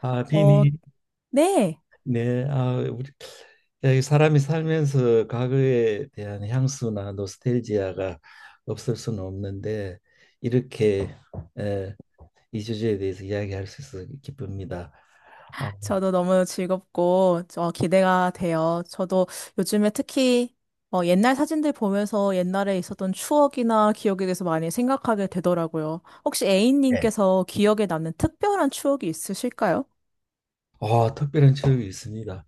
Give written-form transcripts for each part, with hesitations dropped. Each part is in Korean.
어, 비니, 네. 네, 우리 사람이 살면서 과거에 대한 향수나 노스텔지아가 없을 수는 없는데 이렇게 에, 이 주제에 대해서 이야기할 수 있어서 기쁩니다. 아, 저도 너무 즐겁고, 저 기대가 돼요. 저도 요즘에 특히, 옛날 사진들 보면서 옛날에 있었던 추억이나 기억에 대해서 많이 생각하게 되더라고요. 혹시 네. A님께서 기억에 남는 특별한 추억이 있으실까요? 특별한 추억이 있습니다.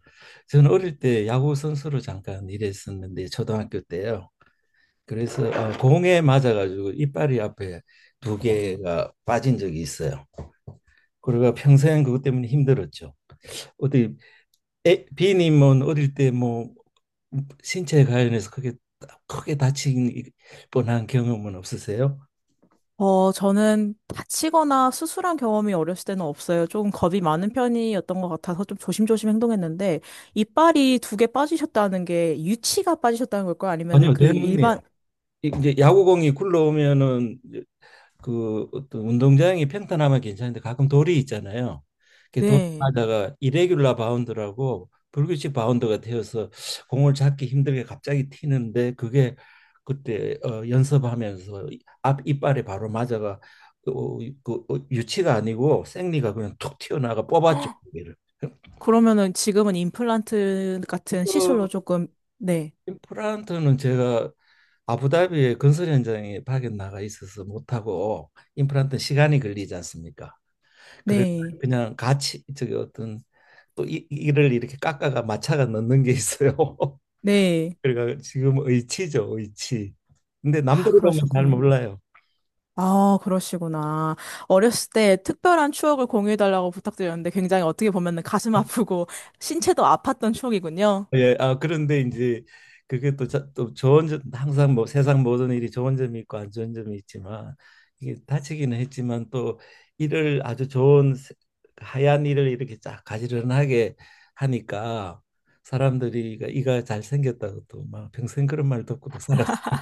저는 어릴 때 야구 선수로 잠깐 일했었는데 초등학교 때요. 그래서 공에 맞아가지고 이빨이 앞에 두 개가 빠진 적이 있어요. 그리고 평생 그것 때문에 힘들었죠. 어디 비님은 어릴 때 뭐 신체에 관련해서 크게 다친 뻔한 경험은 없으세요? 저는 다치거나 수술한 경험이 어렸을 때는 없어요. 조금 겁이 많은 편이었던 것 같아서 좀 조심조심 행동했는데, 이빨이 2개 빠지셨다는 게 유치가 빠지셨다는 걸까요? 아니면은 아니요, 그 대문네요. 일반, 이제 야구공이 굴러오면은 그 어떤 운동장이 평탄하면 괜찮은데 가끔 돌이 있잖아요. 그돌 네. 맞아가 이레귤라 바운드라고 불규칙 바운드가 되어서 공을 잡기 힘들게 갑자기 튀는데 그게 그때 연습하면서 앞 이빨에 바로 맞아가 그, 어, 유치가 아니고 생리가 그냥 툭 튀어나가 뽑았죠. 그기를. 그러면은 지금은 임플란트 같은 그 시술로 조금, 네, 임플란트는 제가 아부다비의 건설 현장에 파견 나가 있어서 못하고 임플란트 시간이 걸리지 않습니까? 그래 네, 그냥 같이 저기 어떤 또 이를 이렇게 깎아가 마차가 넣는 게 있어요. 네. 그러니까 지금 의치죠, 의치. 근데 아, 남들이 보면 잘 그러셨군요. 몰라요. 아, 그러시구나. 어렸을 때 특별한 추억을 공유해달라고 부탁드렸는데 굉장히 어떻게 보면은 가슴 아프고 신체도 아팠던 추억이군요. 예, 그런데 이제 그게 또, 또 좋은 점 항상 뭐 세상 모든 일이 좋은 점이 있고 안 좋은 점이 있지만 이게 다치기는 했지만 또 이를 아주 하얀 이를 이렇게 쫙 가지런하게 하니까 사람들이 이가 잘 생겼다고 또 막 평생 그런 말 듣고도 살았어요.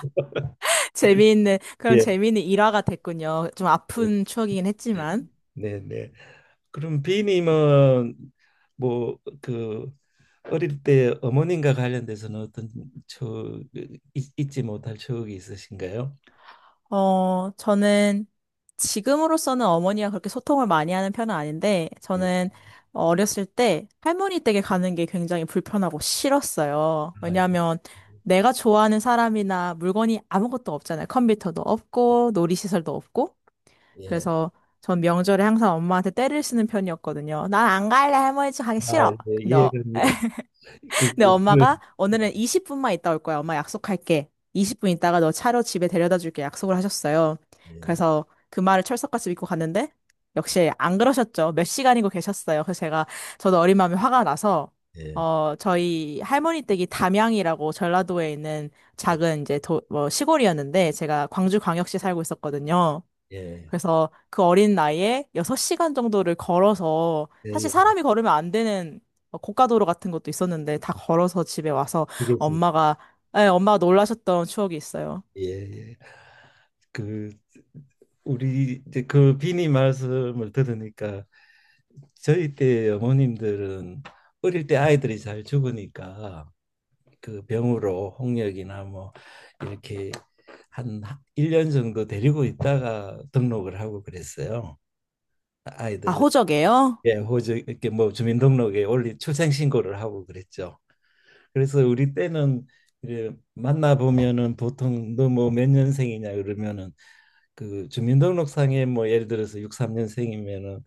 그럼 예, 재미있는 일화가 됐군요. 좀 아픈 추억이긴 했지만. 네, 네. 그럼 비님은 뭐 그 어릴 때 어머님과 관련돼서는 어떤 추억 잊지 못할 추억이 있으신가요? 저는 지금으로서는 어머니와 그렇게 소통을 많이 하는 편은 아닌데, 예. 저는 어렸을 때 할머니 댁에 가는 게 굉장히 불편하고 싫었어요. 아, 왜냐하면 내가 좋아하는 사람이나 물건이 아무것도 없잖아요. 컴퓨터도 예. 없고, 놀이시설도 없고. 예. 그래서 전 명절에 항상 엄마한테 떼를 쓰는 편이었거든요. 난 안 갈래, 할머니 집 가기 아, 싫어. 예, 근데 어, 이해됩니다. 그, 근데 그 엄마가 오늘은 20분만 있다 올 거야. 엄마 약속할게. 20분 있다가 너 차로 집에 데려다 줄게. 약속을 하셨어요. 예. 그래서 그 말을 철석같이 믿고 갔는데 역시 안 그러셨죠. 몇 시간이고 계셨어요. 그래서 제가 저도 어린 마음에 화가 나서 예. 저희 할머니 댁이 담양이라고 전라도에 있는 예. 작은 이제 도, 뭐 시골이었는데 제가 광주광역시 살고 있었거든요. 예. 그래서 그 어린 나이에 6시간 정도를 걸어서 예, 사실 예, 사람이 걸으면 안 되는 뭐 고가도로 같은 것도 있었는데 다 걸어서 집에 와서 알겠습니다. 엄마가 예, 엄마가 놀라셨던 추억이 있어요. 예, 예. 그 우리 이제 그 비니 말씀을 들으니까 저희 때 어머님들은 어릴 때 아이들이 잘 죽으니까 그 병으로 홍역이나 뭐 이렇게 한 1년 정도 데리고 있다가 등록을 하고 그랬어요. 아, 아이들을 호적이에요? 예, 호주 이렇게 뭐 주민등록에 올리 출생 신고를 하고 그랬죠. 그래서 우리 때는 이제 만나 보면은 보통 너 뭐 몇 년생이냐 그러면은 그 주민등록상에 뭐 예를 들어서 63년생이면은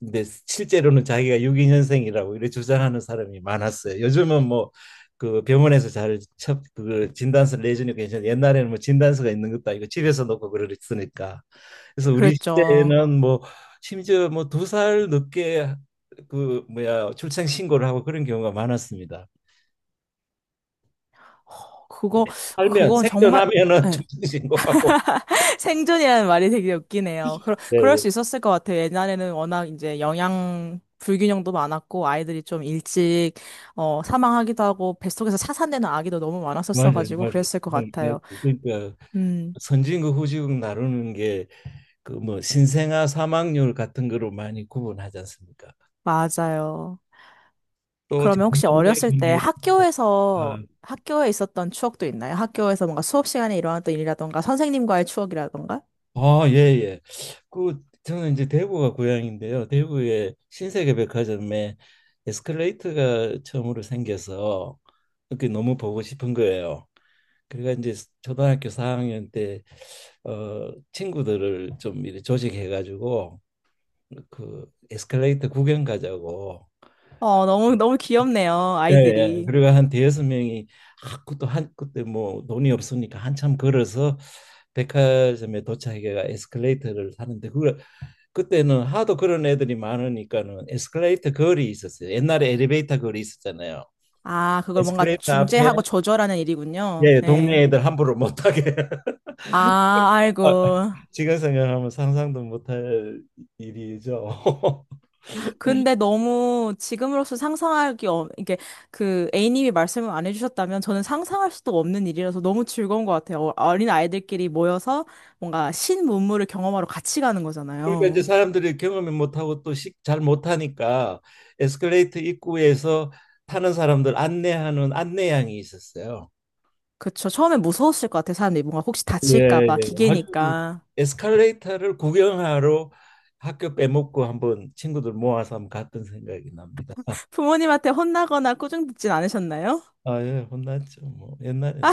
근데 실제로는 자기가 62년생이라고 이렇게 주장하는 사람이 많았어요. 요즘은 뭐 그 병원에서 그 진단서 내주니까 괜찮은데 옛날에는 뭐 진단서가 있는 것도 아니고 집에서 놓고 그랬으니까. 그래서 우리 그랬죠. 시대에는 뭐 심지어 뭐 두 살 늦게 그 뭐야 출생 신고를 하고 그런 경우가 많았습니다. 허, 그거 살면 그건 정말. 생존하면은 예. 출생 신고하고. 생존이라는 말이 되게 웃기네요. 네, 그럴 예. 수 있었을 것 같아요. 옛날에는 워낙 이제 영양 불균형도 많았고 아이들이 좀 일찍 사망하기도 하고 뱃속에서 차산되는 아기도 너무 맞아요, 많았었어가지고 맞아요. 그랬을 것 맞아요. 같아요. 그러니까 음, 선진국 후진국 나누는 게 그 뭐 신생아 사망률 같은 거로 많이 구분하지 않습니까? 맞아요. 또재 그러면 혹시 어렸을 때 학교에 있었던 추억도 있나요? 학교에서 뭔가 수업 시간에 일어났던 일이라던가, 선생님과의 추억이라던가? 예, 예. 그 저는 이제 대구가 고향인데요. 대구의 신세계 백화점에 에스컬레이터가 처음으로 생겨서 그게 너무 보고 싶은 거예요. 그래가 이제 초등학교 4학년 때 친구들을 좀 이렇게 조직해 가지고 그 에스컬레이터 구경 가자고 너무, 너무 귀엽네요, 예, 예. 아이들이. 그리고 한 대여섯 명이 그것도 한 그때 뭐 돈이 없으니까 한참 걸어서 백화점에 도착해가 에스컬레이터를 타는데 그걸 그때는 하도 그런 애들이 많으니까는 에스컬레이터 거리 있었어요. 옛날에 엘리베이터 거리 있었잖아요. 아, 그걸 뭔가 에스컬레이터 앞에 중재하고 조절하는 일이군요. 예, 네. 동네 애들 함부로 못 타게. 아, 아, 아이고. 지금 생각하면 상상도 못할 일이죠. 근데 너무 지금으로서 상상하기, 이게 그 A님이 말씀을 안 해주셨다면 저는 상상할 수도 없는 일이라서 너무 즐거운 것 같아요. 어린 아이들끼리 모여서 뭔가 신문물을 경험하러 같이 가는 그러니까 이제 거잖아요. 사람들이 경험을 못하고 또 잘 못하니까 에스컬레이터 입구에서 타는 사람들 안내하는 안내양이 있었어요. 그쵸. 처음에 무서웠을 것 같아요. 사람들이 뭔가 혹시 다칠까 예, 봐 예. 아주 기계니까. 에스컬레이터를 구경하러 학교 빼먹고 한번 친구들 모아서 한번 갔던 생각이 납니다. 부모님한테 혼나거나 꾸중 듣진 않으셨나요? 아, 예, 혼났죠. 뭐 옛날에.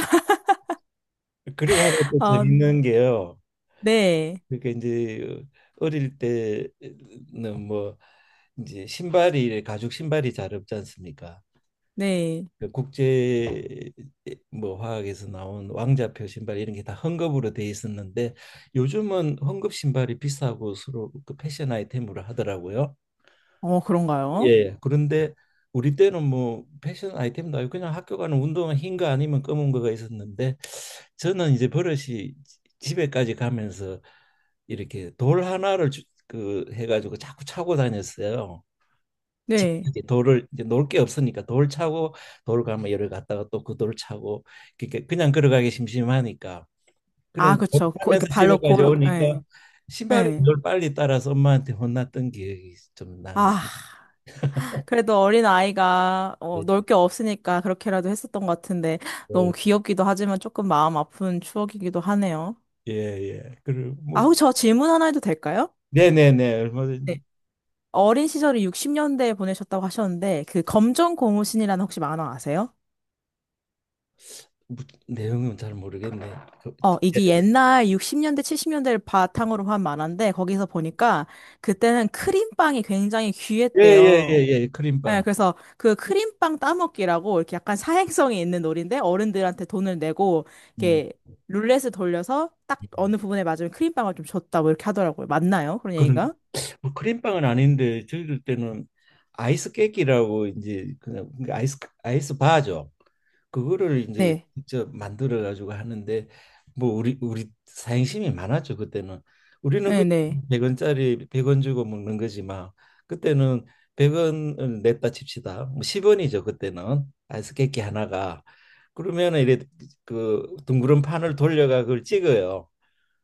그리고 하나 또 아, 재밌는 게요. 네. 그러니까 이제 어릴 때는 뭐 이제 신발이 가죽 신발이 잘 없지 않습니까? 네. 그 국제 뭐 화학에서 나온 왕자표 신발 이런 게 다 헝겊으로 돼 있었는데 요즘은 헝겊 신발이 비싸고 서로 그 패션 아이템으로 하더라고요. 어, 그런가요? 예. 그런데 우리 때는 뭐 패션 아이템도 아니고 그냥 학교 가는 운동화 흰 거 아니면 검은 거가 있었는데 저는 이제 버릇이 집에까지 가면서 이렇게 돌 하나를 그 해가지고 자꾸 차고 다녔어요. 집 네. 이제 돌을 이제 놓을 게 없으니까 돌 차고 돌 가면 열을 갔다가 또 그 돌 차고 그러니까 그냥 걸어가기 심심하니까 아, 그런 돌 그쵸. 고, 타면서 이렇게 발로 집에까지 고르, 예. 오니까 신발이 예. 늘 빨리 따라서 엄마한테 혼났던 기억이 좀 나네. 아. 그래도 어린 아이가 예, 놀 게 없으니까 그렇게라도 했었던 것 같은데 예. 너무 귀엽기도 하지만 조금 마음 아픈 추억이기도 하네요. 예. 예, 예. 그리고 아, 뭐 혹시 저 질문 하나 해도 될까요? 네네네 네. 얼마든지 어린 시절을 60년대에 보내셨다고 하셨는데 그 검정 고무신이라는 혹시 만화 아세요? 뭐, 내용은 잘 모르겠네. 그, 이게 옛날 60년대, 70년대를 바탕으로 한 만화인데 거기서 보니까 그때는 크림빵이 굉장히 예, 예, 예, 귀했대요. 예, 예, 예, 크림빵. 그래서 그 크림빵 따먹기라고 이렇게 약간 사행성이 있는 놀인데 어른들한테 돈을 내고 음. 이렇게 룰렛을 돌려서 딱 어느 음. 부분에 맞으면 크림빵을 좀 줬다 뭐 이렇게 하더라고요. 맞나요? 그런 그런 얘기가? 뭐 크림빵은 아닌데 저희들 때는 아이스 깨끼라고 이제 그냥 그러니까 아이스 바죠. 그거를 이제 네. 직접 만들어 가지고 하는데 뭐 우리 사행심이 많았죠 그때는. 우리는 그 네, 네. 100원짜리 100원 주고 먹는 거지만 그때는 100원을 냈다 칩시다. 뭐 10원이죠 그때는 아이스 깨끼 하나가. 그러면은 이래 그 둥그런 판을 돌려가 그걸 찍어요.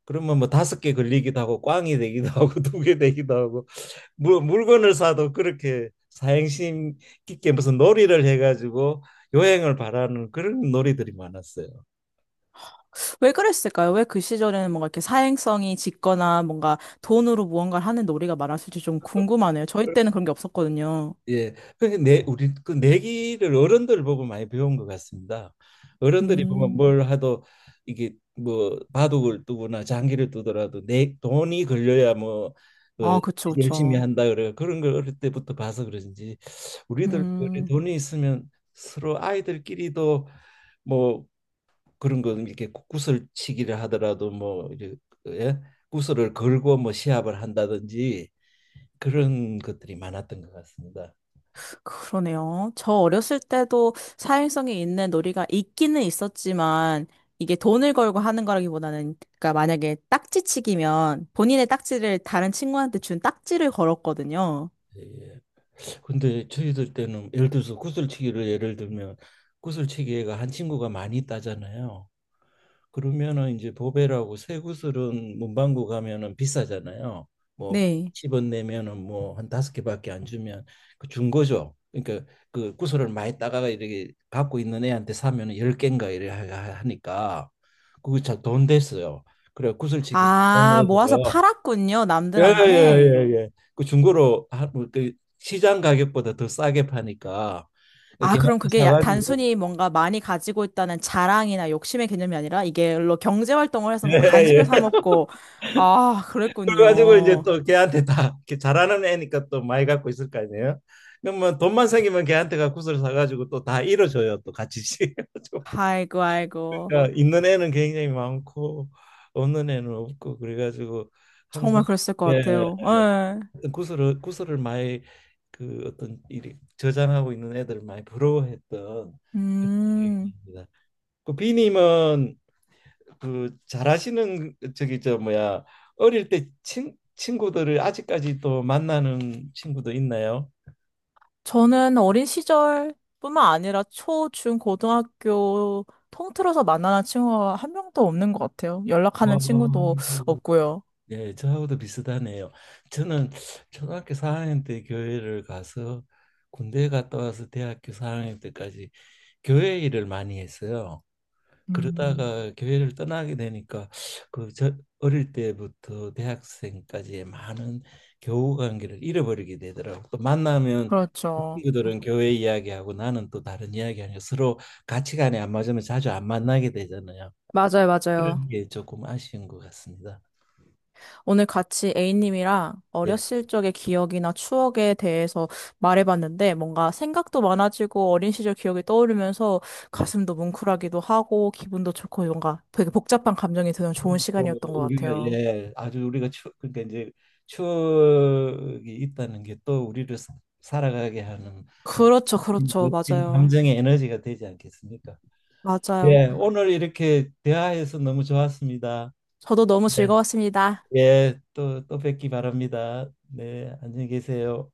그러면 뭐 다섯 개 걸리기도 하고 꽝이 되기도 하고 두 개 되기도 하고 물건을 사도 그렇게 사행심 깊게 무슨 놀이를 해가지고 요행을 바라는 그런 놀이들이 많았어요. 왜 그랬을까요? 왜 그 시절에는 뭔가 이렇게 사행성이 짙거나 뭔가 돈으로 무언가를 하는 놀이가 많았을지 좀 궁금하네요. 저희 때는 그런 게 없었거든요. 예, 근데 내 우리 그 내기를 어른들 보고 많이 배운 것 같습니다. 어른들이 보면 음. 뭘 하도 이게 뭐 바둑을 두거나 장기를 두더라도 내 돈이 걸려야 뭐 어, 아, 그쵸, 열심히 그쵸. 한다 그래 그런 걸 어릴 때부터 봐서 그런지 우리들 음. 돈이 있으면 서로 아이들끼리도 뭐 그런 거 이렇게 슬치기를 하더라도 뭐 이제 예? 구슬을 걸고 뭐 시합을 한다든지 그런 것들이 많았던 것 같습니다. 그러네요. 저 어렸을 때도 사행성이 있는 놀이가 있기는 있었지만, 이게 돈을 걸고 하는 거라기보다는, 그러니까 만약에 딱지치기면 본인의 딱지를 다른 친구한테 준 딱지를 걸었거든요. 예. 예. 근데 저희들 때는 예를 들어서 구슬치기를 예를 들면 구슬치기가 한 친구가 많이 따잖아요. 그러면은 이제 보배라고 쇠구슬은 문방구 가면은 비싸잖아요. 뭐 네. 10원 내면은 뭐 한 다섯 개밖에 안 주면 그 중고죠. 그러니까 그 구슬을 많이 따가가 이렇게 갖고 있는 애한테 사면은 열개인가 이래 하니까 그거 잘돈 됐어요. 그래 구슬치기 좋은 아, 모아서 애들은 팔았군요, 남들한테. 예예예예 그 중고로 뭐 그 시장 가격보다 더 싸게 파니까 아, 그럼 걔한테 그게 사가지고 단순히 뭔가 많이 가지고 있다는 자랑이나 욕심의 개념이 아니라 이게로 경제 활동을 해서 뭔가 간식을 예예 사 먹고, 아, 그래가지고 이제 그랬군요. 또 걔한테 다 이렇게 잘하는 애니까 또 많이 갖고 있을 거 아니에요. 그러면 돈만 생기면 걔한테 가구슬 사가지고 또 다 잃어줘요. 또 같이 그가지고 아이고, 아이고. 그러니까 있는 애는 굉장히 많고 없는 애는 없고 그래가지고 항상 정말 그랬을 것 예 같아요. 예. 구슬을 많이 그 어떤 일이 저장하고 있는 애들을 많이 부러워했던 기억이 음, 납니다. 그 비님은 그 잘하시는 저기 저 뭐야 어릴 때 친구들을 아직까지도 만나는 친구도 있나요? 저는 어린 시절뿐만 아니라 초, 중, 고등학교 통틀어서 만나는 친구가 한 명도 없는 것 같아요. 와, 연락하는 친구도 없고요. 네, 저하고도 비슷하네요. 저는 초등학교 4학년 때 교회를 가서 군대 갔다 와서 대학교 4학년 때까지 교회 일을 많이 했어요. 음, 그러다가 교회를 떠나게 되니까 그 저 어릴 때부터 대학생까지의 많은 교우 관계를 잃어버리게 되더라고. 또 만나면 그 그렇죠. 친구들은 교회 이야기하고 나는 또 다른 이야기하니까 서로 가치관이 안 맞으면 자주 안 만나게 되잖아요. 맞아요, 맞아요. 그런 게 조금 아쉬운 것 같습니다. 오늘 같이 A님이랑 예. 어렸을 적의 기억이나 추억에 대해서 말해봤는데 뭔가 생각도 많아지고 어린 시절 기억이 떠오르면서 예. 가슴도 뭉클하기도 하고 기분도 좋고 뭔가 되게 복잡한 감정이 드는 좋은 뭐 시간이었던 것 우리가 같아요. 예 아주 우리가 추 그러니까 이제 추억이 있다는 게 또 우리를 살아가게 하는 그렇죠, 그렇죠. 멋진 맞아요. 감정의 에너지가 되지 않겠습니까? 맞아요. 예, 오늘 이렇게 대화해서 너무 좋았습니다. 저도 너무 네. 즐거웠습니다. 예, 또 뵙기 바랍니다. 네, 안녕히 계세요.